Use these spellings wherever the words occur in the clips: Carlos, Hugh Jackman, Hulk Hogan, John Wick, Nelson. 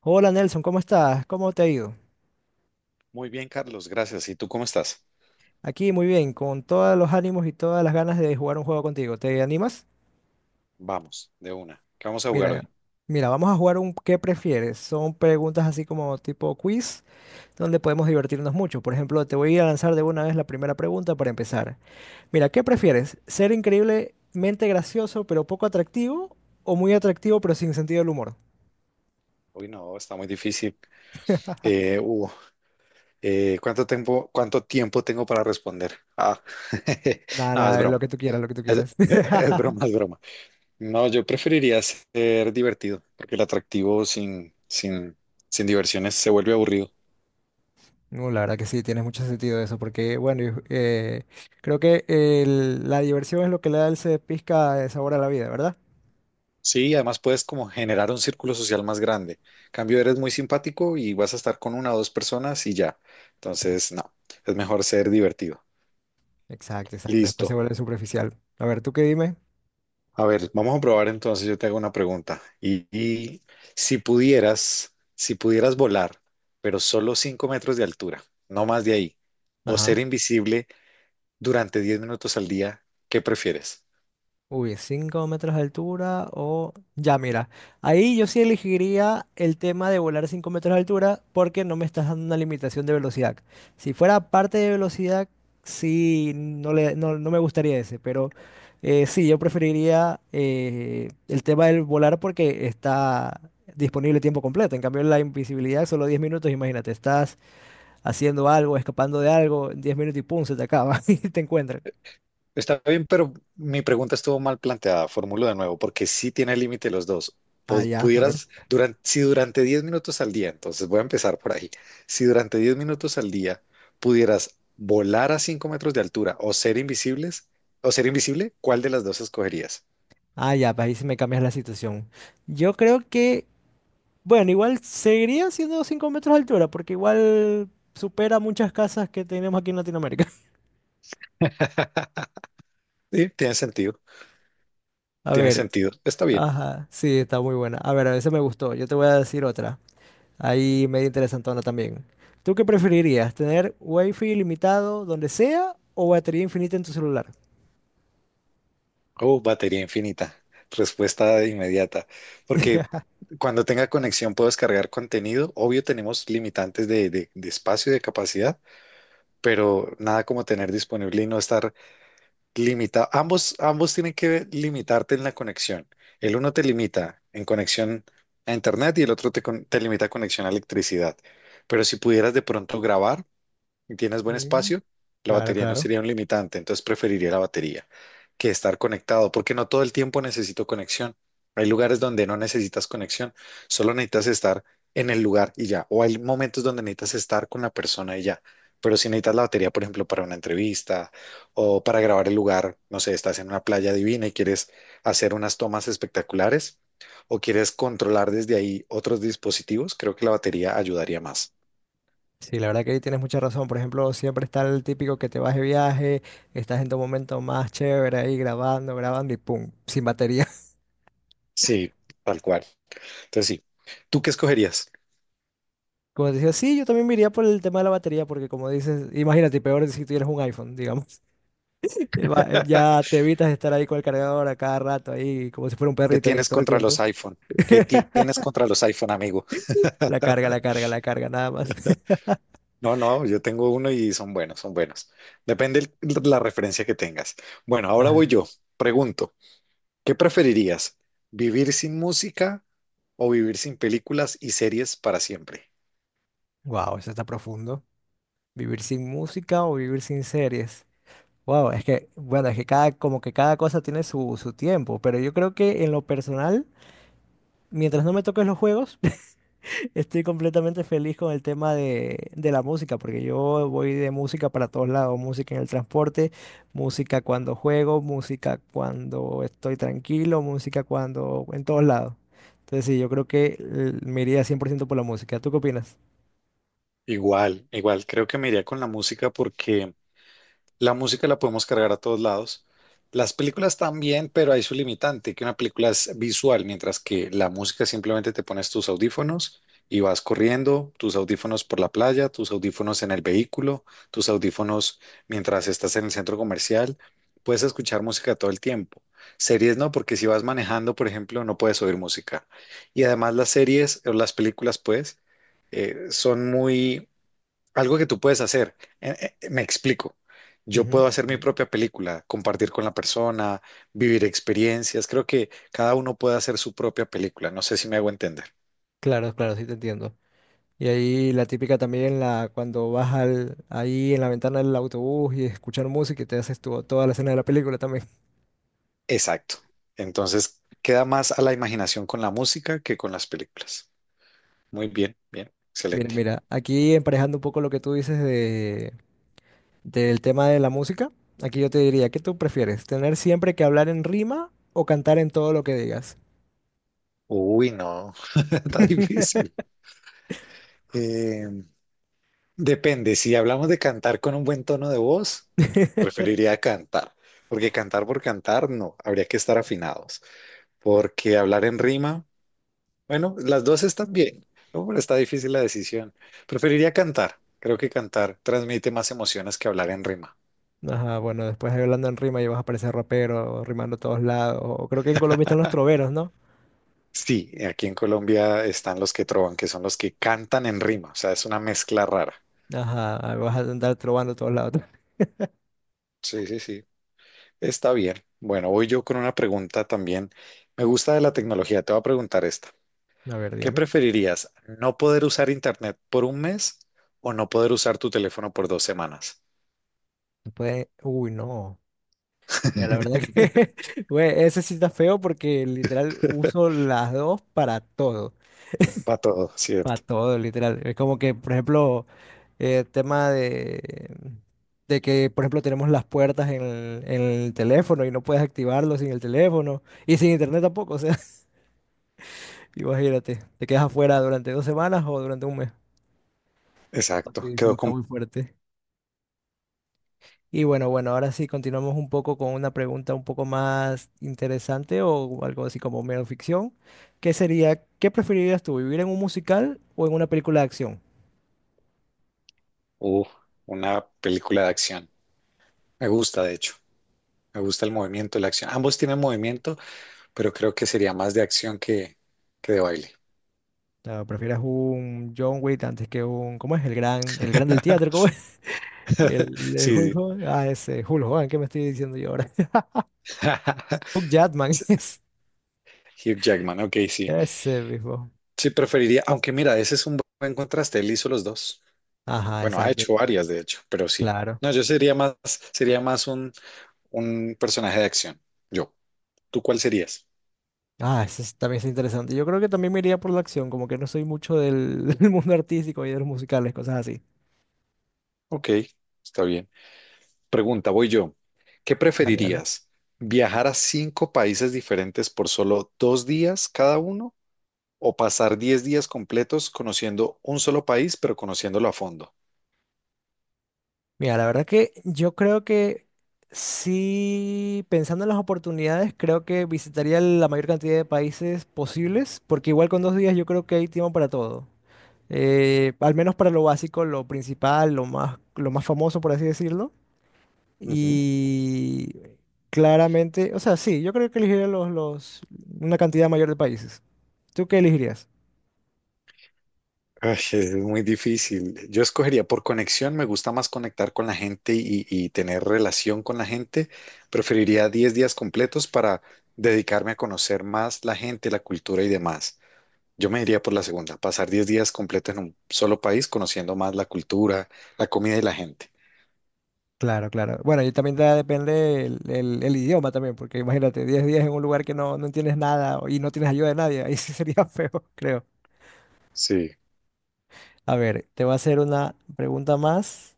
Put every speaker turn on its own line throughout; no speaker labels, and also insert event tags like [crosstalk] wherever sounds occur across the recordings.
Hola Nelson, ¿cómo estás? ¿Cómo te ha ido?
Muy bien, Carlos, gracias. ¿Y tú cómo estás?
Aquí muy bien, con todos los ánimos y todas las ganas de jugar un juego contigo. ¿Te animas?
Vamos, de una. ¿Qué vamos a jugar hoy?
Mira, mira, vamos a jugar un ¿qué prefieres? Son preguntas así como tipo quiz, donde podemos divertirnos mucho. Por ejemplo, te voy a lanzar de una vez la primera pregunta para empezar. Mira, ¿qué prefieres? ¿Ser increíblemente gracioso pero poco atractivo o muy atractivo pero sin sentido del humor?
Hoy no, está muy difícil. Eh, uh, ¿cuánto tiempo tengo para responder? Ah, [laughs]
Nada,
no, es
nada, lo
broma.
que tú quieras, lo que tú
Es,
quieras.
[laughs] es
[laughs]
broma, es broma. No, yo preferiría ser divertido, porque el atractivo sin diversiones se vuelve aburrido.
No, la verdad que sí, tienes mucho sentido eso, porque bueno, yo, creo que la diversión es lo que le da ese pizca de sabor a la vida, ¿verdad?
Sí, además puedes como generar un círculo social más grande. Cambio, eres muy simpático y vas a estar con una o dos personas y ya. Entonces, no, es mejor ser divertido.
Exacto, exacto. Después se
Listo.
vuelve superficial. A ver, ¿tú qué dime?
A ver, vamos a probar entonces, yo te hago una pregunta. Y si pudieras volar, pero solo 5 metros de altura, no más de ahí, o
Ajá.
ser invisible durante 10 minutos al día, ¿qué prefieres?
Uy, 5 metros de altura o ya, mira, ahí yo sí elegiría el tema de volar 5 metros de altura porque no me estás dando una limitación de velocidad. Si fuera parte de velocidad, sí, no, no, no me gustaría ese, pero sí, yo preferiría el tema del volar porque está disponible tiempo completo. En cambio, la invisibilidad, solo 10 minutos, imagínate, estás haciendo algo, escapando de algo, 10 minutos y pum, se te acaba [laughs] y te encuentran.
Está bien, pero mi pregunta estuvo mal planteada. Formulo de nuevo, porque sí tiene límite los dos.
Ah,
Po-
ya, a ver.
Pudieras, durante, si durante 10 minutos al día, entonces voy a empezar por ahí. Si durante 10 minutos al día pudieras volar a 5 metros de altura o ser invisible, ¿cuál de las dos escogerías?
Ah, ya, pues ahí sí me cambias la situación. Yo creo que, bueno, igual seguiría siendo 5 metros de altura, porque igual supera muchas casas que tenemos aquí en Latinoamérica. [laughs]
Sí, tiene sentido,
A
tiene
ver,
sentido. Está bien.
ajá, sí, está muy buena. A ver, a veces me gustó. Yo te voy a decir otra. Ahí medio interesantona también. ¿Tú qué preferirías? ¿Tener wifi ilimitado donde sea o batería infinita en tu celular?
Oh, batería infinita. Respuesta inmediata. Porque
[laughs]
cuando tenga conexión puedo descargar contenido. Obvio, tenemos limitantes de espacio y de capacidad, pero nada como tener disponible y no estar limitado. Ambos tienen que limitarte en la conexión. El uno te limita en conexión a internet y el otro te limita a conexión a electricidad. Pero si pudieras de pronto grabar, y tienes buen
Mm.
espacio, la
Claro,
batería no
claro.
sería un limitante, entonces preferiría la batería que estar conectado, porque no todo el tiempo necesito conexión. Hay lugares donde no necesitas conexión, solo necesitas estar en el lugar y ya, o hay momentos donde necesitas estar con la persona y ya. Pero si necesitas la batería, por ejemplo, para una entrevista o para grabar el lugar, no sé, estás en una playa divina y quieres hacer unas tomas espectaculares o quieres controlar desde ahí otros dispositivos, creo que la batería ayudaría más.
Sí, la verdad que ahí tienes mucha razón. Por ejemplo, siempre está el típico que te vas de viaje, estás en tu momento más chévere ahí grabando, grabando y pum, sin batería. [laughs]
Sí, tal cual. Entonces sí. ¿Tú qué escogerías?
Como te decía, sí, yo también me iría por el tema de la batería, porque como dices, imagínate, peor si tuvieras un iPhone, digamos. [laughs] Ya
[laughs]
te evitas estar ahí con el cargador a cada rato, ahí como si fuera un
¿Qué
perrito ahí
tienes
todo el
contra los
tiempo.
iPhone? ¿Qué ti-
[laughs]
tienes contra los iPhone, amigo?
La carga, la
[laughs]
carga, la carga, nada más. [laughs]
No, no, yo tengo uno y son buenos, son buenos. Depende la referencia que tengas. Bueno, ahora
Ajá.
voy yo. Pregunto, ¿qué preferirías? ¿Vivir sin música o vivir sin películas y series para siempre?
Wow, eso está profundo. ¿Vivir sin música o vivir sin series? Wow, es que, bueno, es que cada, como que cada cosa tiene su tiempo, pero yo creo que en lo personal, mientras no me toques los juegos, [laughs] estoy completamente feliz con el tema de la música, porque yo voy de música para todos lados, música en el transporte, música cuando juego, música cuando estoy tranquilo, música cuando, en todos lados. Entonces sí, yo creo que me iría 100% por la música. ¿Tú qué opinas?
Igual, igual, creo que me iría con la música, porque la música la podemos cargar a todos lados. Las películas también, pero hay su limitante, que una película es visual, mientras que la música simplemente te pones tus audífonos y vas corriendo, tus audífonos por la playa, tus audífonos en el vehículo, tus audífonos mientras estás en el centro comercial. Puedes escuchar música todo el tiempo. Series no, porque si vas manejando, por ejemplo, no puedes oír música. Y además las series o las películas, pues, son muy algo que tú puedes hacer. Me explico. Yo
Ujú.
puedo hacer mi
Ujú.
propia película, compartir con la persona, vivir experiencias. Creo que cada uno puede hacer su propia película. No sé si me hago entender.
Claro, claro, sí te entiendo. Y ahí la típica también, cuando vas ahí en la ventana del autobús y escuchar música y te haces toda la escena de la película también. [laughs]
Exacto. Entonces, queda más a la imaginación con la música que con las películas. Muy bien, bien,
Mira,
excelente.
mira, aquí emparejando un poco lo que tú dices de, del tema de la música, aquí yo te diría, ¿qué tú prefieres? ¿Tener siempre que hablar en rima o cantar en todo lo que digas?
Uy, no, [laughs] está difícil.
[laughs]
Eh, Depende, si hablamos de cantar con un buen tono de voz, preferiría cantar, porque cantar por cantar, no, habría que estar afinados. Porque hablar en rima, bueno, las dos están bien, ¿no? Pero está difícil la decisión. Preferiría cantar. Creo que cantar transmite más emociones que hablar en rima.
Ajá, bueno, después hablando en rima y vas a parecer rapero, rimando a todos lados. O creo que en Colombia están los
[laughs]
troveros, ¿no?
Sí, aquí en Colombia están los que trovan, que son los que cantan en rima. O sea, es una mezcla rara.
Ajá, vas a andar trovando a todos lados. [laughs]
Sí, sí, sí. Está bien. Bueno, voy yo con una pregunta también. Me gusta de la tecnología. Te voy a preguntar esta.
A ver,
¿Qué
dígame.
preferirías? ¿No poder usar internet por un mes o no poder usar tu teléfono por 2 semanas?
Uy, no. Mira, la verdad que,
[laughs]
[laughs] güey, ese sí está feo porque literal uso las dos
Para todo,
para
¿cierto?
todo, literal. Es como que, por ejemplo, tema de, que, por ejemplo, tenemos las puertas en el teléfono y no puedes activarlo sin el teléfono y sin internet tampoco, o sea, [laughs] imagínate, te quedas afuera durante 2 semanas o durante un mes.
Exacto,
Sí, sí,
quedó
está
con.
muy fuerte. Y bueno, bueno, ahora sí continuamos un poco con una pregunta un poco más interesante o algo así como mero ficción, que sería, ¿qué preferirías tú, vivir en un musical o en una película de acción?
Uh, una película de acción. Me gusta, de hecho, me gusta el movimiento, la acción. Ambos tienen movimiento, pero creo que sería más de acción que de baile.
O sea, ¿prefieres un John Wick antes que un, ¿cómo es? El gran del teatro, ¿cómo
[laughs]
es? [laughs] El
Sí,
Hulk
sí.
Hogan, ah, ese, Hulk Hogan, ¿qué me estoy diciendo yo ahora?
[laughs]
[laughs] Hugh Jackman, [laughs]
Hugh Jackman, ok, sí.
ese mismo.
Sí, preferiría, aunque mira, ese es un buen contraste, él hizo los dos.
Ajá,
Bueno, ha
exacto, el
hecho
juez.
varias, de hecho, pero sí.
Claro.
No, yo sería más un personaje de acción. Yo. ¿Tú cuál serías?
Ah, también es interesante. Yo creo que también me iría por la acción, como que no soy mucho del, [laughs] del mundo artístico y de los musicales, cosas así.
Ok, está bien. Pregunta, voy yo. ¿Qué
Dale, dale.
preferirías? ¿Viajar a cinco países diferentes por solo 2 días cada uno o pasar 10 días completos conociendo un solo país, pero conociéndolo a fondo?
Mira, la verdad que yo creo que sí, pensando en las oportunidades, creo que visitaría la mayor cantidad de países posibles, porque igual con 2 días yo creo que hay tiempo para todo. Al menos para lo básico, lo principal, lo más famoso, por así decirlo.
Ujú.
Y claramente, o sea, sí, yo creo que elegiría una cantidad mayor de países. ¿Tú qué elegirías?
Ay, es muy difícil. Yo escogería por conexión, me gusta más conectar con la gente y tener relación con la gente. Preferiría 10 días completos para dedicarme a conocer más la gente, la cultura y demás. Yo me iría por la segunda, pasar 10 días completos en un solo país conociendo más la cultura, la comida y la gente.
Claro, claro. Bueno, y también depende el idioma también, porque imagínate, 10 días en un lugar que no, no entiendes nada y no tienes ayuda de nadie, ahí sí sería [laughs] feo, creo.
Sí,
A ver, te voy a hacer una pregunta más.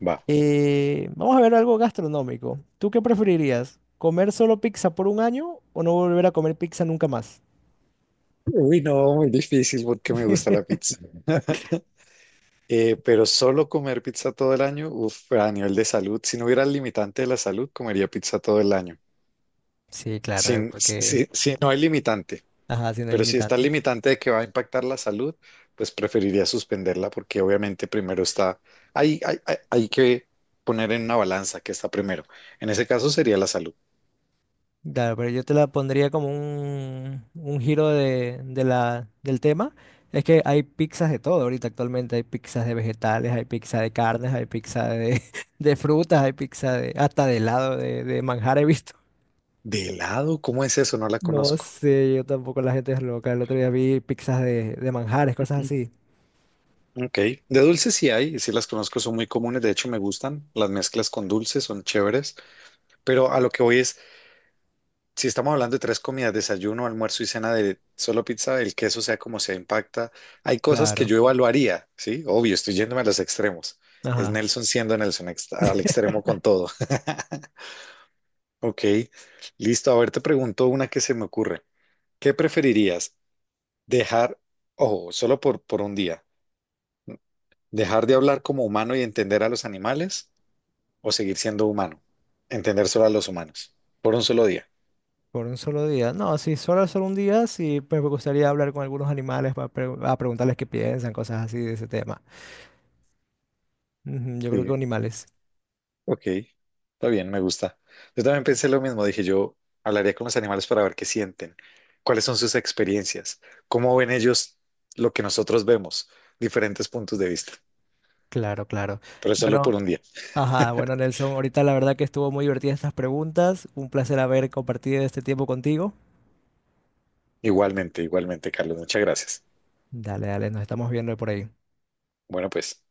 va.
Vamos a ver algo gastronómico. ¿Tú qué preferirías? ¿Comer solo pizza por un año o no volver a comer pizza nunca más?
Uy, no, muy difícil porque me gusta la
[laughs]
pizza. Pero solo comer pizza todo el año, uf, a nivel de salud, si no hubiera el limitante de la salud, comería pizza todo el año.
Sí, claro,
Sin, si, si no hay limitante,
Ajá, siendo
pero si está el
limitante.
limitante de que va a impactar la salud, pues preferiría suspenderla porque obviamente primero está, hay que poner en una balanza que está primero. En ese caso sería la salud.
Claro, pero yo te la pondría como un giro de, del tema. Es que hay pizzas de todo ahorita actualmente. Hay pizzas de vegetales, hay pizza de carnes, hay pizza de, [laughs] de frutas, hay pizza de, hasta de helado, de manjar he visto. [laughs]
¿De helado? ¿Cómo es eso? No la
No
conozco.
sé, yo tampoco, la gente es loca. El otro día vi pizzas de manjares, cosas
Mm.
así.
Ok, de dulces sí hay, y sí las conozco, son muy comunes, de hecho me gustan, las mezclas con dulces son chéveres, pero a lo que voy es, si estamos hablando de tres comidas, desayuno, almuerzo y cena de solo pizza, el queso sea como sea impacta, hay cosas que
Claro.
yo evaluaría, ¿sí? Obvio, estoy yéndome a los extremos. Es
Ajá.
Nelson siendo Nelson al extremo
[laughs]
con todo. [laughs] Ok, listo. A ver, te pregunto una que se me ocurre. ¿Qué preferirías? Dejar, ojo, solo por un día, dejar de hablar como humano y entender a los animales o seguir siendo humano, entender solo a los humanos, por un solo día.
Por un solo día. No, sí, solo, solo un día, sí, pues me gustaría hablar con algunos animales para a preguntarles qué piensan, cosas así de ese tema. Ujú. Yo creo que
Sí.
animales.
Ok, está bien, me gusta. Yo también pensé lo mismo, dije yo hablaría con los animales para ver qué sienten, cuáles son sus experiencias, cómo ven ellos lo que nosotros vemos, diferentes puntos de vista.
Claro, claro.
Pero solo
Bueno,
por un día.
ajá, bueno, Nelson, ahorita la verdad que estuvo muy divertida estas preguntas. Un placer haber compartido este tiempo contigo.
Igualmente, igualmente, Carlos, muchas gracias.
Dale, dale, nos estamos viendo por ahí.
Bueno, pues.